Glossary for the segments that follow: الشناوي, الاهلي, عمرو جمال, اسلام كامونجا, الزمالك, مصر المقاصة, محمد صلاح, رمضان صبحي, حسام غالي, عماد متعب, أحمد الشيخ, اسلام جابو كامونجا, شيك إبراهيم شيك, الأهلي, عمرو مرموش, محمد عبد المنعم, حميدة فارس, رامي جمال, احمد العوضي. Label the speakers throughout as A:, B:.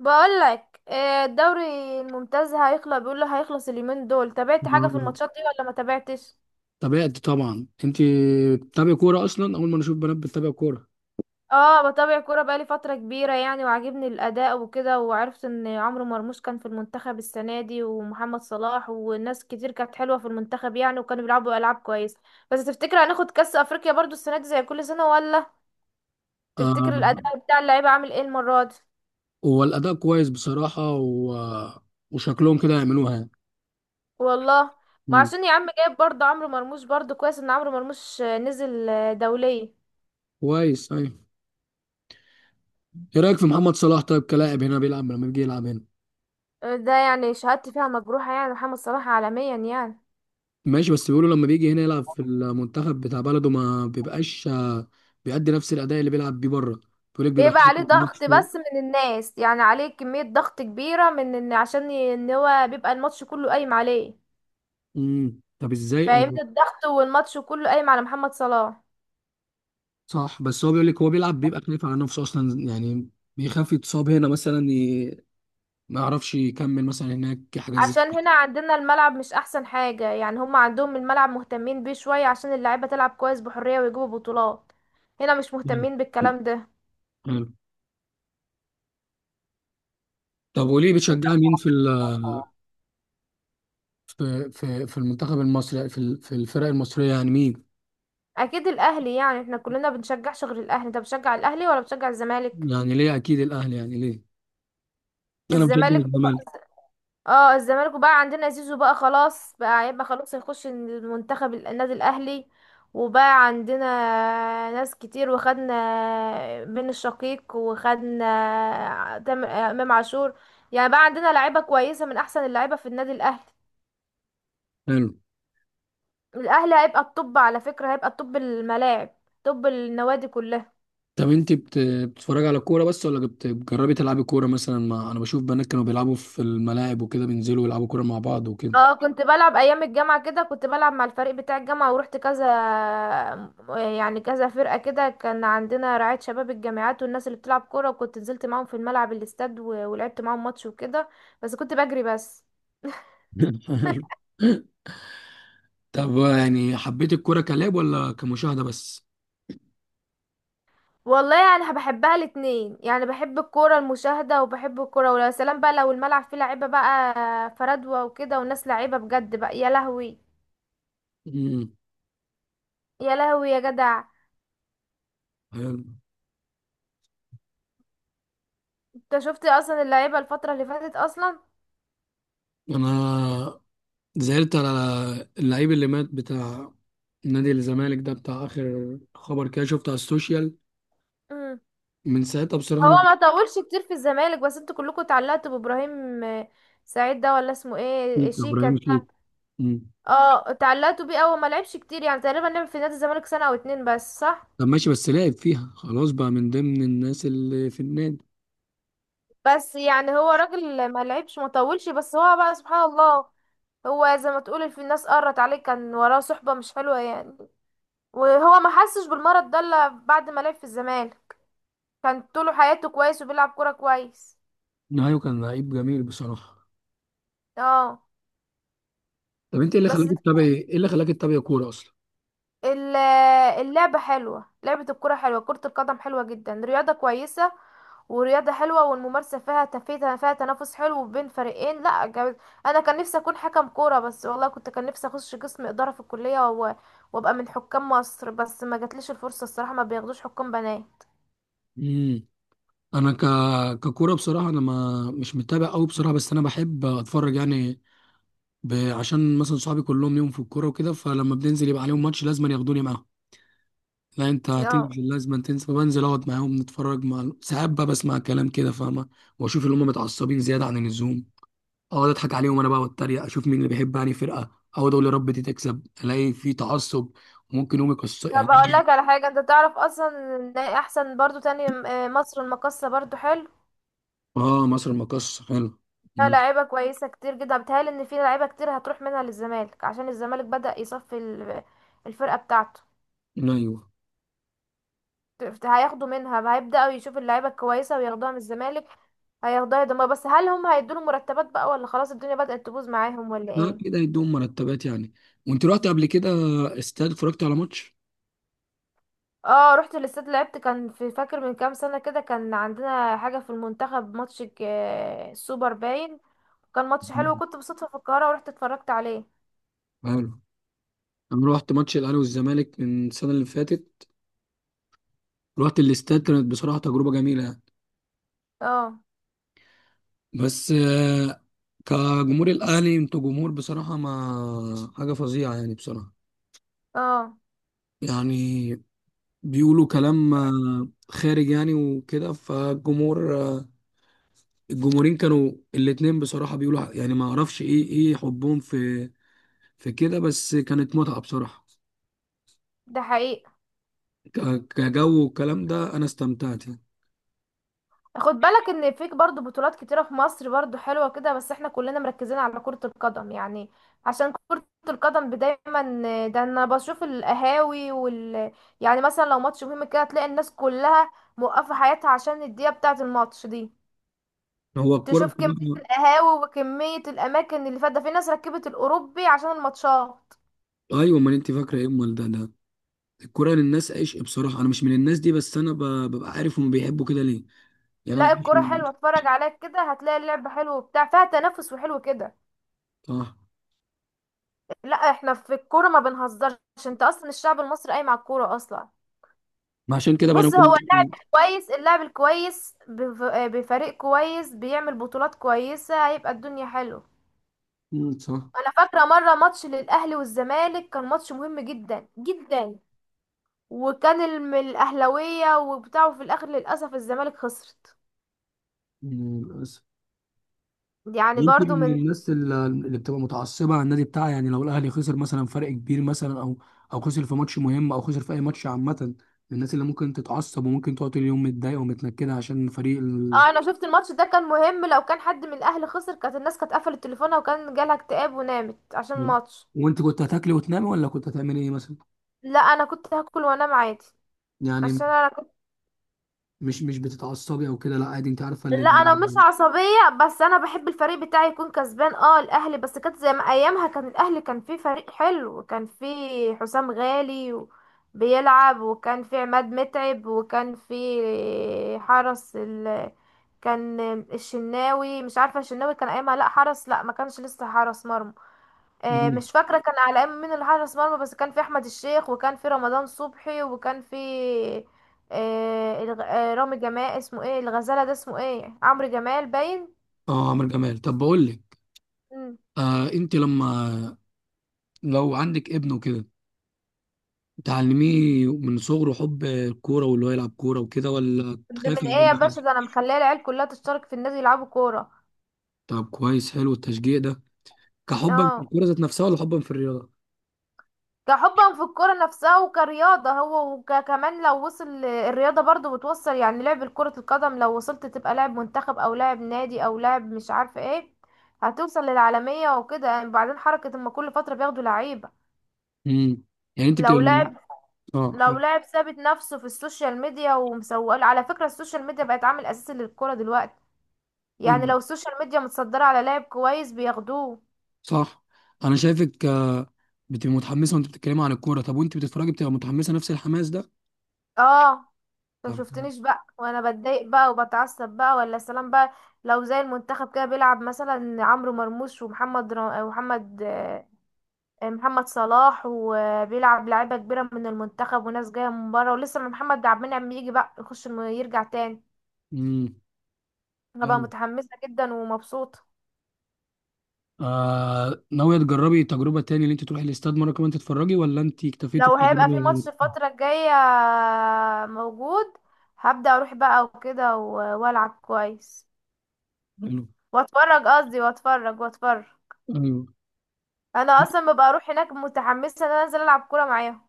A: بقولك الدوري الممتاز هيخلص، بيقول له هيخلص اليومين دول. تابعت حاجة في
B: آه،
A: الماتشات دي ولا ما تابعتش؟
B: تابعت طبعا. انت بتتابع كوره اصلا، اول ما نشوف بنات بتتابع كوره.
A: اه، بتابع كورة بقالي فترة كبيرة يعني، وعاجبني الأداء وكده، وعرفت ان عمرو مرموش كان في المنتخب السنة دي ومحمد صلاح، والناس كتير كانت حلوة في المنتخب يعني، وكانوا بيلعبوا ألعاب كويسة. بس تفتكر هناخد كأس أفريقيا برضو السنة دي زي كل سنة ولا؟ تفتكر
B: آه،
A: الأداء بتاع اللعيبة عامل ايه المرة دي؟
B: هو الاداء كويس بصراحه و... وشكلهم كده يعملوها يعني.
A: والله، ما
B: مم.
A: عشان يا عم جايب برضو عمرو مرموش، برضو كويس ان عمرو مرموش نزل دولية.
B: كويس، ايوه. ايه رايك في محمد صلاح طيب، كلاعب هنا بيلعب لما بيجي يلعب هنا؟
A: ده يعني شهادتي فيها مجروحة، يعني محمد صلاح عالميا يعني.
B: ماشي، بس بيقولوا لما بيجي هنا يلعب في المنتخب بتاع بلده ما بيبقاش، بيأدي نفس الاداء اللي بيلعب بيه بره. بيقول لك بيبقى
A: بيبقى
B: خايف
A: عليه
B: على
A: ضغط
B: نفسه.
A: بس من الناس، يعني عليه كمية ضغط كبيرة من ان عشان ان هو بيبقى الماتش كله قايم عليه.
B: طب ازاي.
A: فاهمني؟ الضغط والماتش كله قايم على محمد صلاح.
B: صح، بس هو بيقول لك هو بيلعب بيبقى خايف على نفسه اصلا يعني. بيخاف يتصاب هنا مثلا، ما يعرفش يكمل مثلا. هناك حاجات زي
A: عشان هنا عندنا الملعب مش احسن حاجة يعني، هم عندهم الملعب مهتمين بيه شوية عشان اللعيبة تلعب كويس بحرية ويجيبوا بطولات. هنا مش
B: كده.
A: مهتمين بالكلام ده.
B: حلو. طب وليه
A: انت-
B: بتشجع مين في المنتخب المصري، في الفرق المصرية يعني مين؟
A: اكيد الاهلي يعني، احنا كلنا بنشجعش غير الاهلي. انت بتشجع الاهلي ولا بتشجع الزمالك؟
B: يعني ليه؟ اكيد الاهلي يعني ليه؟ انا بشجع
A: الزمالك.
B: الزمالك.
A: اه الزمالك، وبقى عندنا زيزو بقى، خلاص بقى هيبقى خلاص هيخش المنتخب النادي الاهلي. وبقى عندنا ناس كتير، وخدنا بن الشقيق وخدنا امام عاشور، يعني بقى عندنا لعيبه كويسه من احسن اللعيبه في النادي الاهلي.
B: حلو.
A: الاهلي هيبقى الطب، على فكره، هيبقى الطب الملاعب، طب النوادي كلها.
B: طب انت بتتفرج على كورة بس، ولا بتجربي تلعبي كورة مثلا؟ مع، انا بشوف بنات كانوا بيلعبوا في الملاعب وكده، بينزلوا يلعبوا كورة مع بعض وكده.
A: اه، كنت بلعب ايام الجامعه كده، كنت بلعب مع الفريق بتاع الجامعه، ورحت كذا يعني كذا فرقه كده، كان عندنا رعايه شباب الجامعات، والناس اللي بتلعب كوره، وكنت نزلت معاهم في الملعب الاستاد ولعبت معاهم ماتش وكده، بس كنت بجري بس.
B: حلو. طب يعني حبيت الكورة كلاعب ولا كمشاهدة بس؟
A: والله يعني بحبها الاتنين، يعني بحب الكوره المشاهده، وبحب الكوره، ويا سلام بقى لو الملعب فيه لعيبه بقى فردوه وكده، وناس لعيبه بجد بقى، يا لهوي
B: امم
A: يا لهوي يا جدع.
B: حلو.
A: انت شفت اصلا اللعيبه الفتره اللي فاتت اصلا؟
B: أنا زعلت على اللعيب اللي مات، بتاع نادي الزمالك ده، بتاع آخر خبر كده شفته على السوشيال.
A: مم.
B: من ساعتها بصراحة
A: هو
B: أنا.
A: ما طولش كتير في الزمالك، بس انتوا كلكم اتعلقتوا بابراهيم سعيد ده، ولا اسمه ايه،
B: شيك
A: شيكا
B: إبراهيم شيك.
A: ده.
B: مم.
A: اه، اتعلقتوا بيه، اول ما لعبش كتير، يعني تقريبا لعب في نادي الزمالك سنة او اتنين بس، صح.
B: طب ماشي، بس لعب فيها خلاص بقى، من ضمن الناس اللي في النادي.
A: بس يعني هو راجل ما لعبش، ما طولش، بس هو بقى سبحان الله، هو زي ما تقول في الناس قرت عليه، كان وراه صحبة مش حلوة يعني، وهو ما حسش بالمرض ده الا بعد ما لعب في الزمالك، كان طول حياته كويس، وبيلعب كورة كويس.
B: نهاية، كان لعيب جميل بصراحة.
A: اه،
B: طب أنت إيه اللي خلاك
A: بس
B: تتابع، إيه اللي خلاك تتابع كورة أصلا؟
A: ال- اللعبة حلوة، لعبة الكرة حلوة، كرة القدم حلوة جدا، رياضة كويسة، ورياضة حلوة، والممارسة فيها تفيتها، فيها تنافس حلو بين فريقين، لا جامد. أنا كان نفسي أكون حكم كورة، بس والله كنت كان نفسي أخش قسم إدارة في الكلية وأبقى من حكام مصر، بس ما جاتليش الفرصة الصراحة، ما بياخدوش حكام بنات.
B: مم. أنا ك... ككورة بصراحة، أنا ما مش متابع أوي بصراحة، بس أنا بحب أتفرج يعني. عشان مثلا صحابي كلهم ليهم في الكورة وكده، فلما بننزل يبقى عليهم ماتش لازم ياخدوني معاهم. لا انت
A: اه،
B: هتيجي، لازم تنسى. بنزل اقعد معاهم نتفرج، مع ساعات بقى بسمع كلام كده فاهمه، واشوف اللي هم متعصبين زياده عن اللزوم. اقعد اضحك عليهم انا بقى واتريق، اشوف مين اللي بيحب يعني فرقه. اقعد اقول يا رب دي تكسب، الاقي في تعصب. وممكن يوم يكسر
A: طب
B: يعني.
A: أقول لك على حاجة، أنت تعرف أصلا إن أحسن برضو تاني مصر المقاصة برضو حلو.
B: اه، مصر مقص حلو.
A: لا،
B: مم.
A: لعيبة كويسة كتير جدا، بتهيألي ان في لعيبة كتير هتروح منها للزمالك، عشان الزمالك بدأ يصفي الفرقة بتاعته.
B: ايوه.
A: هياخدوا منها، هيبدأوا يشوفوا اللعيبة الكويسة وياخدوها من الزمالك، هياخدوها يدمر، بس هل هم هيدوله مرتبات بقى ولا خلاص الدنيا بدأت تبوظ معاهم ولا
B: لا،
A: ايه؟
B: كده يدوم مرتبات يعني. وانت رحت قبل كده استاد، اتفرجت على ماتش؟
A: اه، رحت الاستاد، لعبت، كان في فاكر من كام سنة كده، كان عندنا حاجة في المنتخب ماتش السوبر باين، كان ماتش
B: مم.
A: حلو، وكنت بالصدفة في القاهرة ورحت اتفرجت عليه.
B: حلو. انا رحت ماتش الاهلي والزمالك من السنه اللي فاتت، رحت الاستاد، كانت بصراحه تجربه جميله.
A: اه،
B: بس كجمهور الاهلي انتوا جمهور بصراحه، ما حاجه فظيعه يعني بصراحه.
A: اه،
B: يعني بيقولوا كلام خارج يعني وكده. فالجمهور، الجمهورين كانوا الاتنين بصراحه بيقولوا يعني، ما اعرفش ايه حبهم في كده. بس كانت متعه بصراحه،
A: ده حقيقي.
B: ك- كجو والكلام ده، انا استمتعت يعني.
A: خد بالك ان فيك برضو بطولات كتيرة في مصر برضو حلوة كده، بس احنا كلنا مركزين على كرة القدم يعني، عشان كرة القدم دايما، ده انا بشوف القهاوي يعني مثلا لو ماتش مهم كده، تلاقي الناس كلها موقفة حياتها عشان الدقيقة بتاعة الماتش دي.
B: هو الكوره
A: تشوف كمية
B: بصراحة.
A: القهاوي وكمية الأماكن اللي فات، ده في ناس ركبت الأوروبي عشان الماتشات.
B: ايوه، ما انت فاكره ايه امال؟ ده الكوره للناس عشق بصراحه. انا مش من الناس دي، بس انا ببقى عارف هم بيحبوا كده ليه. يعني انا
A: لا
B: عارف
A: الكرة حلوة،
B: إن.
A: اتفرج عليك كده هتلاقي اللعب حلو وبتاع، فيها تنافس وحلو كده.
B: صح.
A: لا احنا في الكورة ما بنهزرش، انت اصلا الشعب المصري قايم على الكورة اصلا.
B: ما عشان كده بقى انا
A: بص،
B: بقول
A: هو اللاعب
B: لك.
A: الكويس، اللاعب الكويس بفريق كويس، بيعمل بطولات كويسة، هيبقى الدنيا حلوة.
B: مم، صح.
A: انا فاكرة مرة ماتش للاهلي والزمالك، كان ماتش مهم جدا جدا، وكان الاهلاوية وبتاعه، في الاخر للاسف الزمالك خسرت،
B: مم، للاسف.
A: يعني
B: يمكن
A: برضو
B: من
A: من.
B: الناس اللي بتبقى متعصبه على النادي بتاعها يعني، لو الاهلي خسر مثلا فرق كبير مثلا، او او خسر في ماتش مهم، او خسر في اي ماتش عامه، من الناس اللي ممكن تتعصب وممكن تقعد طول اليوم متضايقه ومتنكده عشان فريق ال.
A: اه، انا شفت الماتش ده كان مهم، لو كان حد من الاهلي خسر، كانت الناس كانت قفلت تليفونها، وكان جالها اكتئاب ونامت عشان الماتش.
B: وانت كنت هتاكلي وتنامي ولا كنت هتعملي ايه مثلا؟
A: لا انا كنت هاكل وانام عادي
B: يعني
A: عشان انا.
B: مش بتتعصبي او كده، لا عادي؟ انت عارفه اللي.
A: لا انا مش عصبيه، بس انا بحب الفريق بتاعي يكون كسبان، اه الاهلي، بس كانت زي ما ايامها كان الاهلي، كان فيه فريق حلو، وكان فيه حسام غالي بيلعب، وكان فيه عماد متعب، وكان فيه حرس كان الشناوي مش عارفه، الشناوي كان ايامها، لا حرس، لا ما كانش لسه حرس مرمى، مش فاكرة كان على ايام مين اللي حارس مرمى، بس كان في احمد الشيخ، وكان في رمضان صبحي، وكان في رامي جمال، اسمه ايه، الغزالة ده اسمه ايه، عمرو جمال باين.
B: اه، عمرو جمال، طب بقول لك.
A: مم.
B: انت لما، لو عندك ابن وكده، تعلميه من صغره حب الكورة واللي هو يلعب كورة وكده، ولا
A: ده
B: تخاف
A: من
B: من
A: ايه يا
B: الجو ده؟
A: باشا، ده انا مخليه العيال كلها تشترك في النادي يلعبوا كورة.
B: طب كويس، حلو التشجيع ده. كحبا في
A: اه،
B: الكورة ذات نفسها، ولا حبا في الرياضة؟
A: كحبا في الكرة نفسها وكرياضة هو، وكمان لو وصل الرياضة برضو بتوصل، يعني لعب كرة القدم لو وصلت تبقى لاعب منتخب او لاعب نادي او لاعب مش عارفة ايه، هتوصل للعالمية وكده، يعني بعدين حركة اما كل فترة بياخدوا لعيبة.
B: امم يعني انت
A: لو
B: بتبقى،
A: لاعب
B: اه،
A: لو
B: حلو.
A: لاعب ثابت نفسه في السوشيال ميديا ومسوق، على فكرة السوشيال ميديا بقت عامل اساسي للكرة دلوقتي، يعني
B: مم،
A: لو السوشيال ميديا متصدرة على لاعب كويس بياخدوه.
B: صح. انا شايفك بتبقى متحمسة وانت بتتكلمي عن الكورة. طب وانت بتتفرجي بتبقى متحمسة نفس الحماس ده؟
A: اه، انت
B: طب.
A: مشفتنيش بقى وانا بتضايق بقى وبتعصب بقى ولا سلام بقى. لو زي المنتخب كده بيلعب مثلا عمرو مرموش ومحمد را... ومحمد آه، محمد صلاح، وبيلعب لعيبه كبيره من المنتخب، وناس جايه من بره، ولسه ما محمد عبد المنعم يجي بقى يخش يرجع تاني،
B: امم
A: انا بقى
B: حلو.
A: متحمسه جدا ومبسوطه.
B: ناوية تجربي تجربة تاني، اللي انت تروحي الاستاد مرة كمان تتفرجي، ولا انت اكتفيتي
A: لو هيبقى في
B: بالتجربة؟
A: ماتش الفتره الجايه موجود، هبدأ اروح بقى وكده والعب كويس
B: حلو.
A: واتفرج، قصدي واتفرج واتفرج.
B: ايوه.
A: انا اصلا ببقى اروح هناك متحمسه ان انا انزل العب كوره معاهم.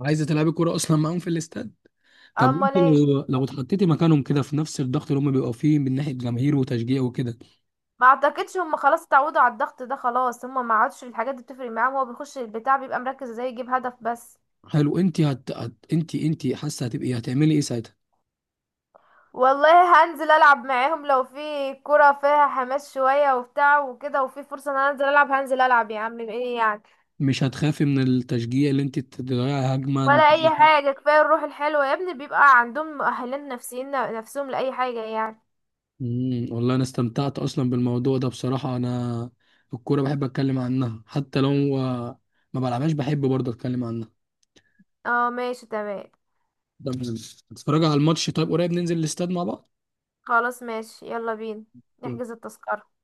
B: عايزة تلعبي كورة اصلا معاهم في الاستاد؟ طب وانت
A: امال ايه.
B: لو اتحطيتي مكانهم كده في نفس الضغط اللي هم بيبقوا فيه من ناحيه جماهير وتشجيع وكده؟
A: ما اعتقدش هم خلاص اتعودوا على الضغط ده، خلاص هم ما عادش الحاجات دي بتفرق معاهم، هو بيخش البتاع بيبقى مركز ازاي يجيب هدف بس.
B: حلو. انت هت... هت... انت انت حاسه هتبقي هتعملي ايه ساعتها؟
A: والله هنزل العب معاهم لو في كرة فيها حماس شويه وبتاع وكده، وفي فرصه ان انا انزل العب هنزل العب يا عم ايه يعني.
B: مش هتخافي من التشجيع اللي انت تضيعي هجمه؟
A: ولا اي حاجه، كفايه الروح الحلوه يا ابني، بيبقى عندهم مؤهلات نفسيين نفسهم لاي حاجه يعني.
B: والله انا استمتعت اصلا بالموضوع ده بصراحه. انا الكوره بحب اتكلم عنها، حتى لو ما بلعبهاش، بحب برضه اتكلم عنها.
A: اه ماشي تمام.
B: هتتفرجي على الماتش طيب؟ قريب ننزل الاستاد مع بعض.
A: خلاص ماشي، يلا بينا نحجز التذكره.